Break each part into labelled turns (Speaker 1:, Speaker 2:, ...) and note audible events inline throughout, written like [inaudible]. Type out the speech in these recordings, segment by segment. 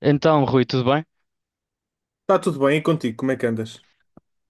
Speaker 1: Então, Rui, tudo bem?
Speaker 2: Está tudo bem, e contigo? Como é que andas?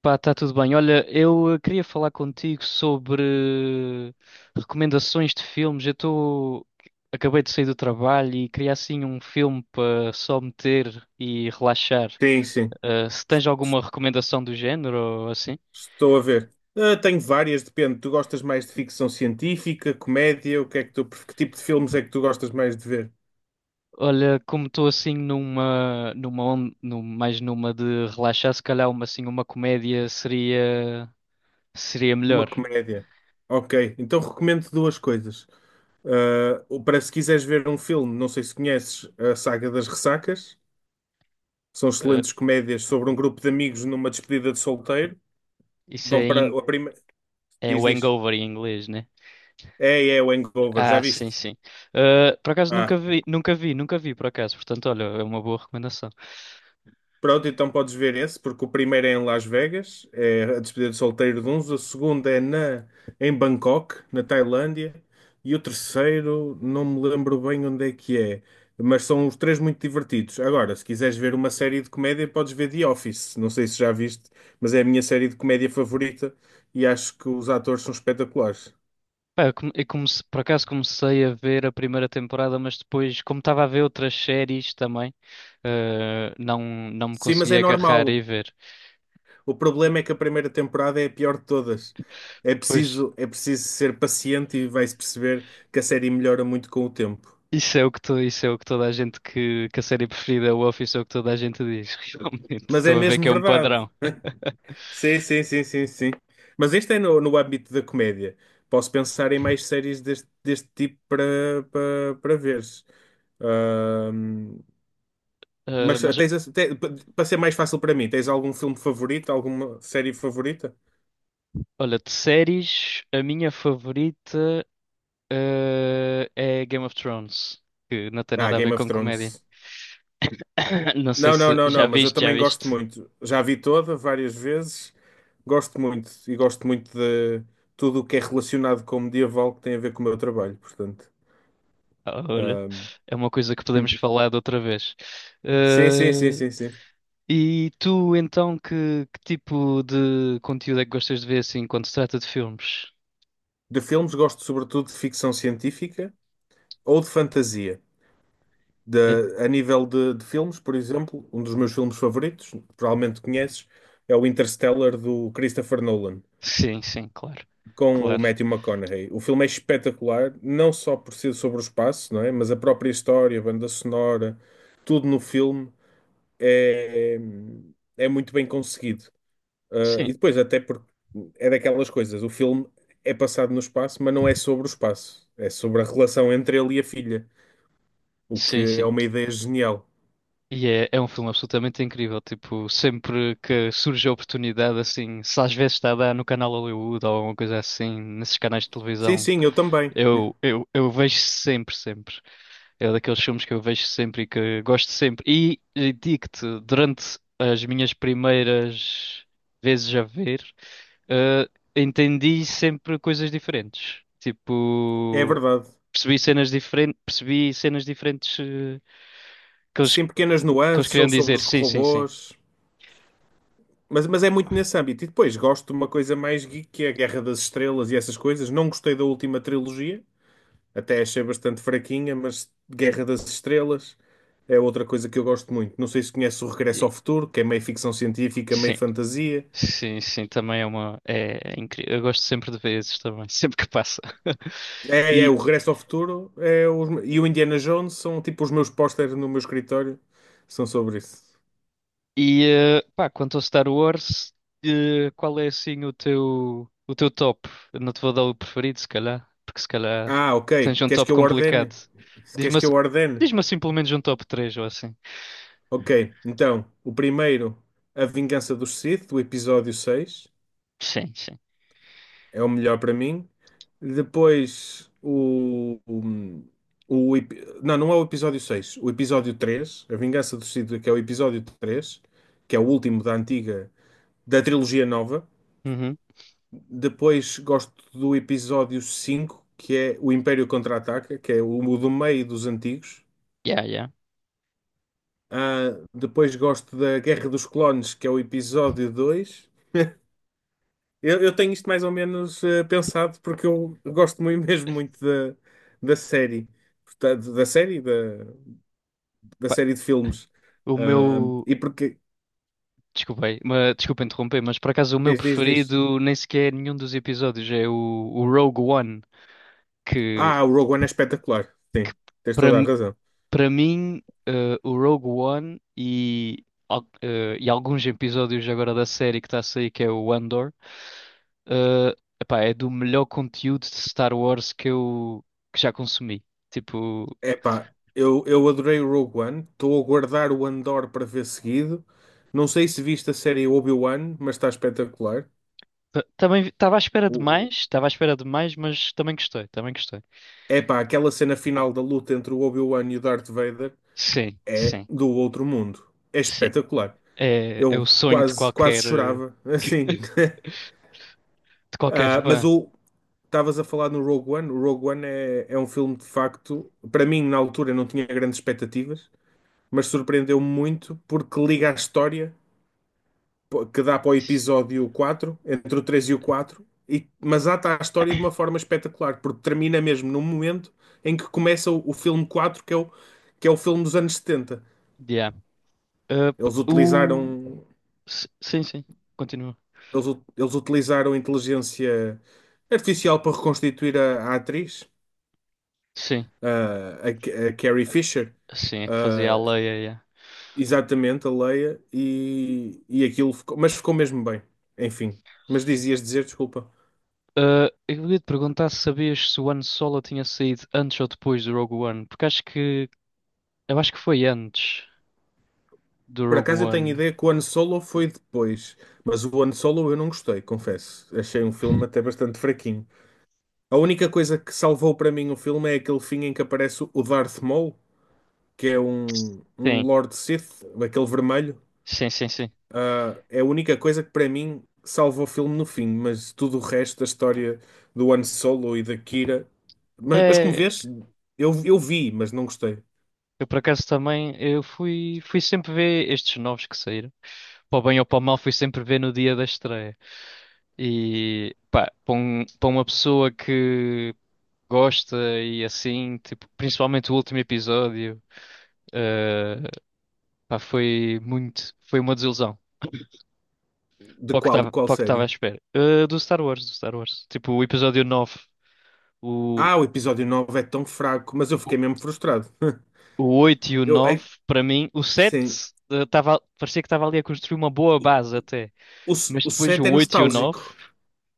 Speaker 1: Pá, está tudo bem. Olha, eu queria falar contigo sobre recomendações de filmes. Eu estou. Acabei de sair do trabalho e queria assim um filme para só meter e relaxar.
Speaker 2: Sim, sim.
Speaker 1: Se
Speaker 2: S-
Speaker 1: tens alguma recomendação do género ou assim?
Speaker 2: Estou a ver. Ah, tenho várias, depende. Tu gostas mais de ficção científica, comédia? O que é que que tipo de filmes é que tu gostas mais de ver?
Speaker 1: Olha, como estou assim mais numa de relaxar, se calhar uma assim uma comédia seria
Speaker 2: Uma
Speaker 1: melhor.
Speaker 2: comédia. Ok, então recomendo duas coisas. Ah, para se quiseres ver um filme, não sei se conheces a saga das Ressacas. São
Speaker 1: Eh,
Speaker 2: excelentes comédias sobre um grupo de amigos numa despedida de solteiro.
Speaker 1: isso é,
Speaker 2: Vão para
Speaker 1: em,
Speaker 2: a primeira.
Speaker 1: É
Speaker 2: Diz,
Speaker 1: o
Speaker 2: diz.
Speaker 1: Hangover em inglês, né?
Speaker 2: É o Hangover, já
Speaker 1: Ah, sim,
Speaker 2: viste?
Speaker 1: sim. Ah, por acaso
Speaker 2: ah
Speaker 1: nunca vi, por acaso. Portanto, olha, é uma boa recomendação.
Speaker 2: Pronto, então podes ver esse, porque o primeiro é em Las Vegas, é a despedida de solteiro de uns, o segundo é em Bangkok, na Tailândia, e o terceiro não me lembro bem onde é que é, mas são os três muito divertidos. Agora, se quiseres ver uma série de comédia, podes ver The Office, não sei se já viste, mas é a minha série de comédia favorita e acho que os atores são espetaculares.
Speaker 1: Pá, eu, come- eu comece- por acaso comecei a ver a primeira temporada, mas depois, como estava a ver outras séries também, não, não me
Speaker 2: Sim, mas
Speaker 1: consegui
Speaker 2: é
Speaker 1: agarrar e
Speaker 2: normal.
Speaker 1: ver.
Speaker 2: O problema é que a primeira temporada é a pior de todas. É
Speaker 1: Pois,
Speaker 2: preciso, é preciso ser paciente e vai-se perceber que a série melhora muito com o tempo.
Speaker 1: isso é o que toda a gente que a série preferida é o Office, é o que toda a gente diz. [laughs] Realmente,
Speaker 2: Mas é
Speaker 1: estou a ver que
Speaker 2: mesmo
Speaker 1: é um
Speaker 2: verdade.
Speaker 1: padrão.
Speaker 2: Sim, sim, sim, sim, sim. Mas este é no âmbito da comédia. Posso pensar em mais séries deste tipo para veres. Ahm,
Speaker 1: Ah,
Speaker 2: mas
Speaker 1: mas,
Speaker 2: para ser mais fácil para mim, tens algum filme favorito, alguma série favorita?
Speaker 1: olha, de séries, a minha favorita. É Game of Thrones, que não tem
Speaker 2: Ah,
Speaker 1: nada a ver
Speaker 2: Game of
Speaker 1: com comédia.
Speaker 2: Thrones.
Speaker 1: [coughs] [laughs] Não sei
Speaker 2: Não, não,
Speaker 1: se
Speaker 2: não,
Speaker 1: já
Speaker 2: não, mas eu
Speaker 1: viste, já
Speaker 2: também gosto
Speaker 1: viste.
Speaker 2: muito. Já a vi toda várias vezes. Gosto muito e gosto muito de tudo o que é relacionado com o medieval que tem a ver com o meu trabalho, portanto.
Speaker 1: Ah, olha,
Speaker 2: ahm,
Speaker 1: é uma coisa que podemos
Speaker 2: hum.
Speaker 1: falar de outra vez.
Speaker 2: Sim, sim, sim,
Speaker 1: Eh,
Speaker 2: sim, sim.
Speaker 1: e tu, então, que tipo de conteúdo é que gostas de ver assim quando se trata de filmes?
Speaker 2: De filmes gosto sobretudo de ficção científica ou de fantasia. De,
Speaker 1: Eh,
Speaker 2: a nível de filmes, por exemplo, um dos meus filmes favoritos, provavelmente conheces, é o Interstellar do Christopher Nolan,
Speaker 1: sim, sim, claro.
Speaker 2: com o
Speaker 1: Claro.
Speaker 2: Matthew McConaughey. O filme é espetacular, não só por ser sobre o espaço, não é? Mas a própria história, a banda sonora, tudo no filme é, é muito bem conseguido. Ah,
Speaker 1: Sim,
Speaker 2: e depois, até porque é daquelas coisas, o filme é passado no espaço, mas não é sobre o espaço, é sobre a relação entre ele e a filha, o
Speaker 1: sim,
Speaker 2: que é
Speaker 1: sim.
Speaker 2: uma ideia genial.
Speaker 1: E é, é um filme absolutamente incrível. Tipo, sempre que surge a oportunidade, assim, se às vezes está a dar no canal Hollywood ou alguma coisa assim, nesses canais de
Speaker 2: Sim,
Speaker 1: televisão,
Speaker 2: sim, eu também.
Speaker 1: eu vejo sempre, sempre. É daqueles filmes que eu vejo sempre e que gosto sempre. E digo-te, durante as minhas primeiras vezes a ver, eh, entendi sempre coisas diferentes.
Speaker 2: É
Speaker 1: Tipo,
Speaker 2: verdade.
Speaker 1: percebi cenas diferentes, que eles,
Speaker 2: Sim, pequenas
Speaker 1: que eles
Speaker 2: nuances
Speaker 1: queriam
Speaker 2: ou sobre
Speaker 1: dizer.
Speaker 2: os
Speaker 1: Sim, sim, sim.
Speaker 2: robôs. Mas é muito nesse âmbito. E depois gosto de uma coisa mais geek, que é a Guerra das Estrelas e essas coisas. Não gostei da última trilogia, até achei bastante fraquinha, mas Guerra das Estrelas é outra coisa que eu gosto muito. Não sei se conhece o Regresso ao
Speaker 1: E-
Speaker 2: Futuro, que é meio ficção científica, meio
Speaker 1: sim,
Speaker 2: fantasia.
Speaker 1: sim, sim, também é uma. É, incrível. Eu gosto sempre de ver esses também, [laughs] sempre que passa. [laughs]
Speaker 2: É
Speaker 1: E,
Speaker 2: o Regresso ao Futuro e o Indiana Jones são tipo os meus pósteres no meu escritório. São sobre isso.
Speaker 1: e pá, quanto ao Star Wars, qual é assim o teu top? Eu não te vou dar o preferido, se calhar, porque se calhar
Speaker 2: Ah, ok.
Speaker 1: tens um
Speaker 2: Queres
Speaker 1: top
Speaker 2: que eu ordene?
Speaker 1: complicado.
Speaker 2: Queres
Speaker 1: Diz-me
Speaker 2: que
Speaker 1: assim,
Speaker 2: eu ordene?
Speaker 1: diz-me assim pelo menos um top 3 ou assim.
Speaker 2: Ok, então, o primeiro, A Vingança dos Sith, do episódio 6,
Speaker 1: Sim, sim.
Speaker 2: é o melhor para mim. Depois, Não, não é o episódio 6, o episódio 3, A Vingança dos Sith, que é o episódio 3, que é o último da antiga, da trilogia nova.
Speaker 1: Uhum.
Speaker 2: Depois, gosto do episódio 5, que é o Império Contra-Ataca, que é o, do meio dos antigos.
Speaker 1: Yeah, yeah.
Speaker 2: Ah, depois gosto da Guerra dos Clones, que é o episódio 2. [laughs] Eu tenho isto mais ou menos pensado porque eu gosto [laughs] mesmo muito da série, portanto, da série, da
Speaker 1: Pá,
Speaker 2: série de filmes.
Speaker 1: o
Speaker 2: Ah,
Speaker 1: meu.
Speaker 2: e porque,
Speaker 1: Desculpei, mas, desculpa interromper, mas por acaso o meu
Speaker 2: diz, diz, diz.
Speaker 1: preferido nem sequer é nenhum dos episódios, é o Rogue One. Que,
Speaker 2: Ah, o Rogue One é espetacular.
Speaker 1: que
Speaker 2: Sim, tens
Speaker 1: Para,
Speaker 2: toda a razão.
Speaker 1: para mim, o Rogue One e alguns episódios agora da série que está a sair, que é o Andor, eh, epá, é do melhor conteúdo de Star Wars que já consumi. Tipo,
Speaker 2: Epá, eu adorei o Rogue One, estou a guardar o Andor para ver seguido. Não sei se viste a série Obi-Wan, mas está espetacular.
Speaker 1: também
Speaker 2: O,
Speaker 1: estava à espera de mais, mas também gostei, também gostei.
Speaker 2: Epá, aquela cena final da luta entre o Obi-Wan e o Darth Vader
Speaker 1: Sim,
Speaker 2: é
Speaker 1: sim,
Speaker 2: do outro mundo. É
Speaker 1: sim.
Speaker 2: espetacular.
Speaker 1: É, é
Speaker 2: Eu
Speaker 1: o sonho de
Speaker 2: quase, quase
Speaker 1: qualquer,
Speaker 2: chorava, assim.
Speaker 1: [laughs]
Speaker 2: [laughs]
Speaker 1: de qualquer
Speaker 2: Ah, mas
Speaker 1: fã.
Speaker 2: o estavas a falar no Rogue One. O Rogue One é um filme de facto, para mim, na altura, não tinha grandes expectativas, mas surpreendeu-me muito porque liga a história pô, que dá para o episódio 4 entre o 3 e o 4 e, mas ata a história de uma forma espetacular, porque termina mesmo no momento em que começa o filme 4 que é o filme dos anos 70.
Speaker 1: Yeah. Uh, p-
Speaker 2: Eles
Speaker 1: o...
Speaker 2: utilizaram
Speaker 1: Sim, sim. Continua.
Speaker 2: eles utilizaram inteligência artificial para reconstituir a atriz,
Speaker 1: Sim,
Speaker 2: a Carrie Fisher,
Speaker 1: sim, é que fazia a
Speaker 2: ah,
Speaker 1: lei. É, é.
Speaker 2: exatamente, a Leia, e aquilo ficou, mas ficou mesmo bem, enfim. Mas dizias dizer, desculpa.
Speaker 1: Ah, eu ia te perguntar se sabias se o Han Solo tinha saído antes ou depois do Rogue One, porque acho que foi antes do
Speaker 2: Por
Speaker 1: Rogue
Speaker 2: acaso eu tenho
Speaker 1: One.
Speaker 2: ideia que o Han Solo foi depois, mas o Han Solo eu não gostei, confesso. Achei um filme até bastante fraquinho. A única coisa que salvou para mim o filme é aquele fim em que aparece o Darth Maul, que é um
Speaker 1: Sim,
Speaker 2: Lord Sith, aquele vermelho.
Speaker 1: sim, sim, sim.
Speaker 2: Ah, é a única coisa que para mim salvou o filme no fim, mas tudo o resto da história do Han Solo e da Kira. Mas como
Speaker 1: É,
Speaker 2: vês, eu vi, mas não gostei.
Speaker 1: eu por acaso também eu fui, fui sempre ver estes novos que saíram. Para o bem ou para o mal, fui sempre ver no dia da estreia. E pá, para uma pessoa que gosta e assim, tipo, principalmente o último episódio. ah, Pá, foi muito, foi uma desilusão.
Speaker 2: De qual, de qual
Speaker 1: Para o que estava à
Speaker 2: série?
Speaker 1: espera. Ah, do Star Wars, do Star Wars. Tipo, o episódio nove, o,
Speaker 2: Ah, o episódio 9 é tão fraco, mas eu
Speaker 1: o,
Speaker 2: fiquei mesmo frustrado. [laughs]
Speaker 1: o 8 e o
Speaker 2: Eu, é,
Speaker 1: 9. Para mim, o 7,
Speaker 2: sim,
Speaker 1: ah, tava, parecia que estava ali a construir uma boa base até. Mas
Speaker 2: o
Speaker 1: depois o
Speaker 2: 7 é
Speaker 1: 8 e o 9,
Speaker 2: nostálgico.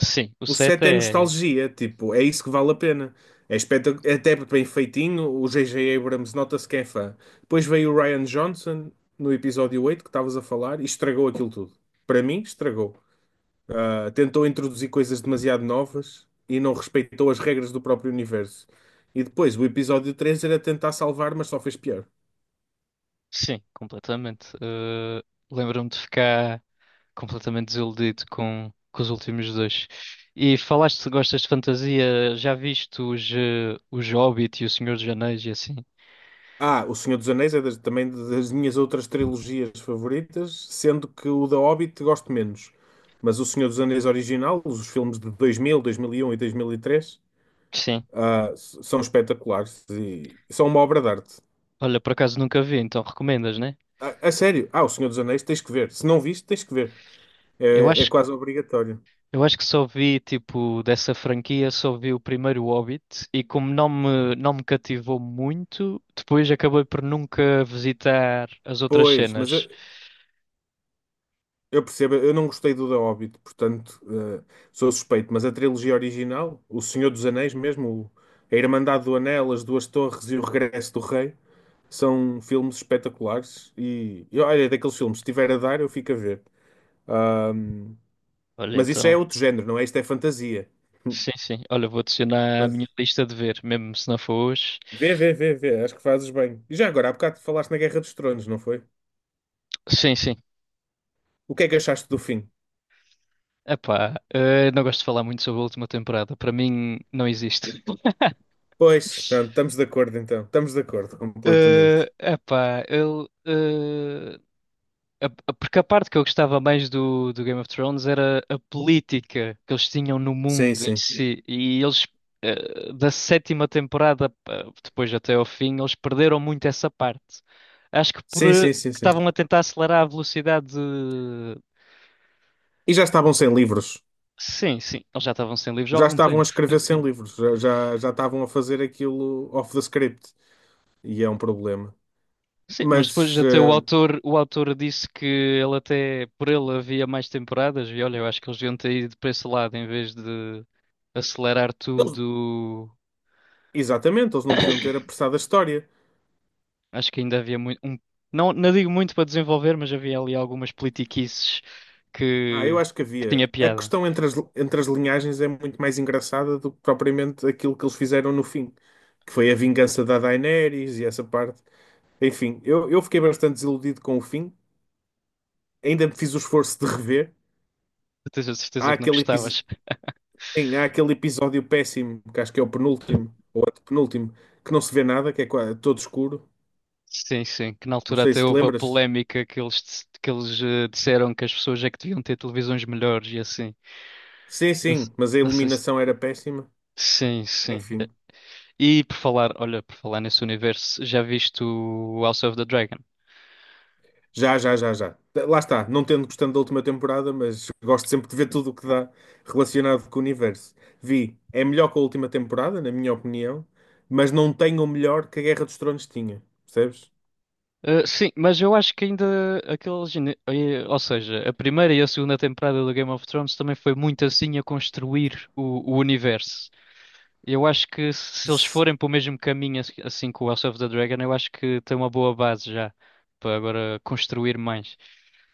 Speaker 1: sim, o
Speaker 2: O
Speaker 1: 7
Speaker 2: 7 é
Speaker 1: é.
Speaker 2: nostalgia, tipo, é isso que vale a pena. É até bem feitinho, o J J Abrams nota-se que é fã. Depois veio o Ryan Johnson no episódio 8 que estavas a falar e estragou aquilo tudo. Para mim, estragou. Ah, tentou introduzir coisas demasiado novas e não respeitou as regras do próprio universo. E depois o episódio 3 era tentar salvar, mas só fez pior.
Speaker 1: Sim, completamente. Ah, lembro-me de ficar completamente desiludido com os últimos dois. E falaste se gostas de fantasia, já viste os, os Hobbit e o Senhor dos Anéis e assim?
Speaker 2: Ah, O Senhor dos Anéis é também das minhas outras trilogias favoritas, sendo que o da Hobbit gosto menos. Mas o Senhor dos Anéis original, os filmes de 2000, 2001 e 2003,
Speaker 1: Sim.
Speaker 2: são espetaculares e são uma obra de arte.
Speaker 1: Olha, por acaso nunca vi, então recomendas, né?
Speaker 2: A sério, O Senhor dos Anéis tens que ver. Se não viste, tens que ver.
Speaker 1: Eu
Speaker 2: É
Speaker 1: acho,
Speaker 2: quase obrigatório.
Speaker 1: eu acho que só vi, tipo, dessa franquia, só vi o primeiro Hobbit e como não me cativou muito, depois acabei por nunca visitar as outras
Speaker 2: Pois, mas eu,
Speaker 1: cenas.
Speaker 2: Eu percebo, eu não gostei do The Hobbit, portanto, sou suspeito, mas a trilogia original, O Senhor dos Anéis mesmo, A Irmandade do Anel, As Duas Torres e O Regresso do Rei, são filmes espetaculares e olha, é daqueles filmes, se tiver a dar, eu fico a ver. Ahm,
Speaker 1: Olha,
Speaker 2: mas isso já é
Speaker 1: então,
Speaker 2: outro género, não é? Isto é fantasia. [laughs]
Speaker 1: sim, sim. Olha, vou adicionar à minha
Speaker 2: Mas
Speaker 1: lista de ver, mesmo se não for hoje.
Speaker 2: vê, vê, vê, vê, acho que fazes bem. E já agora, há bocado falaste na Guerra dos Tronos, não foi?
Speaker 1: Sim, sim.
Speaker 2: O que é que achaste do fim?
Speaker 1: Epá, não gosto de falar muito sobre a última temporada. Para mim, não existe. [laughs]
Speaker 2: Pois, pronto, estamos de acordo então, estamos de acordo completamente.
Speaker 1: Eh, epá, ele a- Porque a parte que eu gostava mais do, do Game of Thrones era a política que eles tinham no
Speaker 2: Sim,
Speaker 1: mundo em
Speaker 2: sim.
Speaker 1: si. E eles, da sétima temporada, depois até ao fim, eles perderam muito essa parte. Acho que
Speaker 2: Sim, sim, sim, sim.
Speaker 1: estavam a tentar acelerar a velocidade de-
Speaker 2: E já estavam sem livros.
Speaker 1: Sim, sim, eles já estavam sem livros há
Speaker 2: Já
Speaker 1: algum
Speaker 2: estavam a
Speaker 1: tempo.
Speaker 2: escrever sem livros. Já, já, já estavam a fazer aquilo off the script. E é um problema.
Speaker 1: Sim, mas depois
Speaker 2: Mas,
Speaker 1: até o autor disse que ele até, por ele havia mais temporadas e olha, eu acho que eles deviam ter ido para esse lado em vez de acelerar
Speaker 2: eles-
Speaker 1: tudo.
Speaker 2: exatamente, eles não deviam ter apressado a história.
Speaker 1: Acho que ainda havia não, não digo muito para desenvolver, mas havia ali algumas politiquices
Speaker 2: Ah, eu
Speaker 1: que,
Speaker 2: acho que
Speaker 1: que tinha
Speaker 2: havia. A
Speaker 1: piada.
Speaker 2: questão entre as linhagens é muito mais engraçada do que propriamente aquilo que eles fizeram no fim, que foi a vingança da Daenerys e essa parte. Enfim, eu fiquei bastante desiludido com o fim. Ainda fiz o esforço de rever.
Speaker 1: Eu tenho a certeza
Speaker 2: Há
Speaker 1: que não
Speaker 2: aquele episódio.
Speaker 1: gostavas.
Speaker 2: Sim, há aquele episódio péssimo, que acho que é o penúltimo, ou antepenúltimo, que não se vê nada, que é todo escuro.
Speaker 1: Sim, sim, que na
Speaker 2: Não
Speaker 1: altura
Speaker 2: sei
Speaker 1: até
Speaker 2: se te
Speaker 1: houve a
Speaker 2: lembras.
Speaker 1: polémica que que eles disseram que as pessoas é que deviam ter televisões melhores e assim.
Speaker 2: Sim,
Speaker 1: Não, se-
Speaker 2: sim, mas a
Speaker 1: não sei se...
Speaker 2: iluminação era péssima.
Speaker 1: Sim, sim.
Speaker 2: Enfim,
Speaker 1: E por falar, olha, por falar nesse universo, já viste o House of the Dragon?
Speaker 2: já, já, já, já. Lá está, não tendo gostando da última temporada, mas gosto sempre de ver tudo o que dá relacionado com o universo. Vi, é melhor que a última temporada, na minha opinião, mas não tem o melhor que a Guerra dos Tronos tinha, percebes?
Speaker 1: Sim, mas eu acho que ainda aqueles. Ou seja, a primeira e a segunda temporada do Game of Thrones também foi muito assim a construir o universo. Eu acho que se eles
Speaker 2: Se-
Speaker 1: forem para o mesmo caminho assim com o House of the Dragon, eu acho que tem uma boa base já para agora construir mais.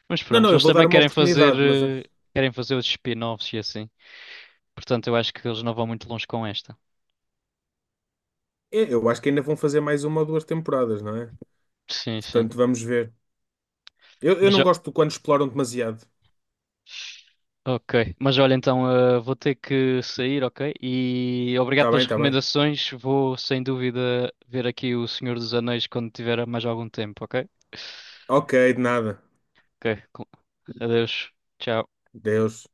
Speaker 1: Mas
Speaker 2: Não,
Speaker 1: pronto,
Speaker 2: não, eu
Speaker 1: eles
Speaker 2: vou dar
Speaker 1: também
Speaker 2: uma
Speaker 1: querem fazer,
Speaker 2: oportunidade, mas acho-
Speaker 1: querem fazer os spin-offs e assim. Portanto, eu acho que eles não vão muito longe com esta.
Speaker 2: eu eu acho que ainda vão fazer mais uma ou duas temporadas, não é?
Speaker 1: Sim, sim.
Speaker 2: Portanto, vamos ver. Eu
Speaker 1: Mas
Speaker 2: não
Speaker 1: já.
Speaker 2: gosto de quando exploram demasiado.
Speaker 1: Ok, mas olha, então vou ter que sair, ok? E obrigado
Speaker 2: Tá
Speaker 1: pelas
Speaker 2: bem, tá bem.
Speaker 1: recomendações. Vou sem dúvida ver aqui o Senhor dos Anéis quando tiver mais algum tempo, ok?
Speaker 2: Ok, de nada.
Speaker 1: Ok, adeus. Tchau.
Speaker 2: Deus.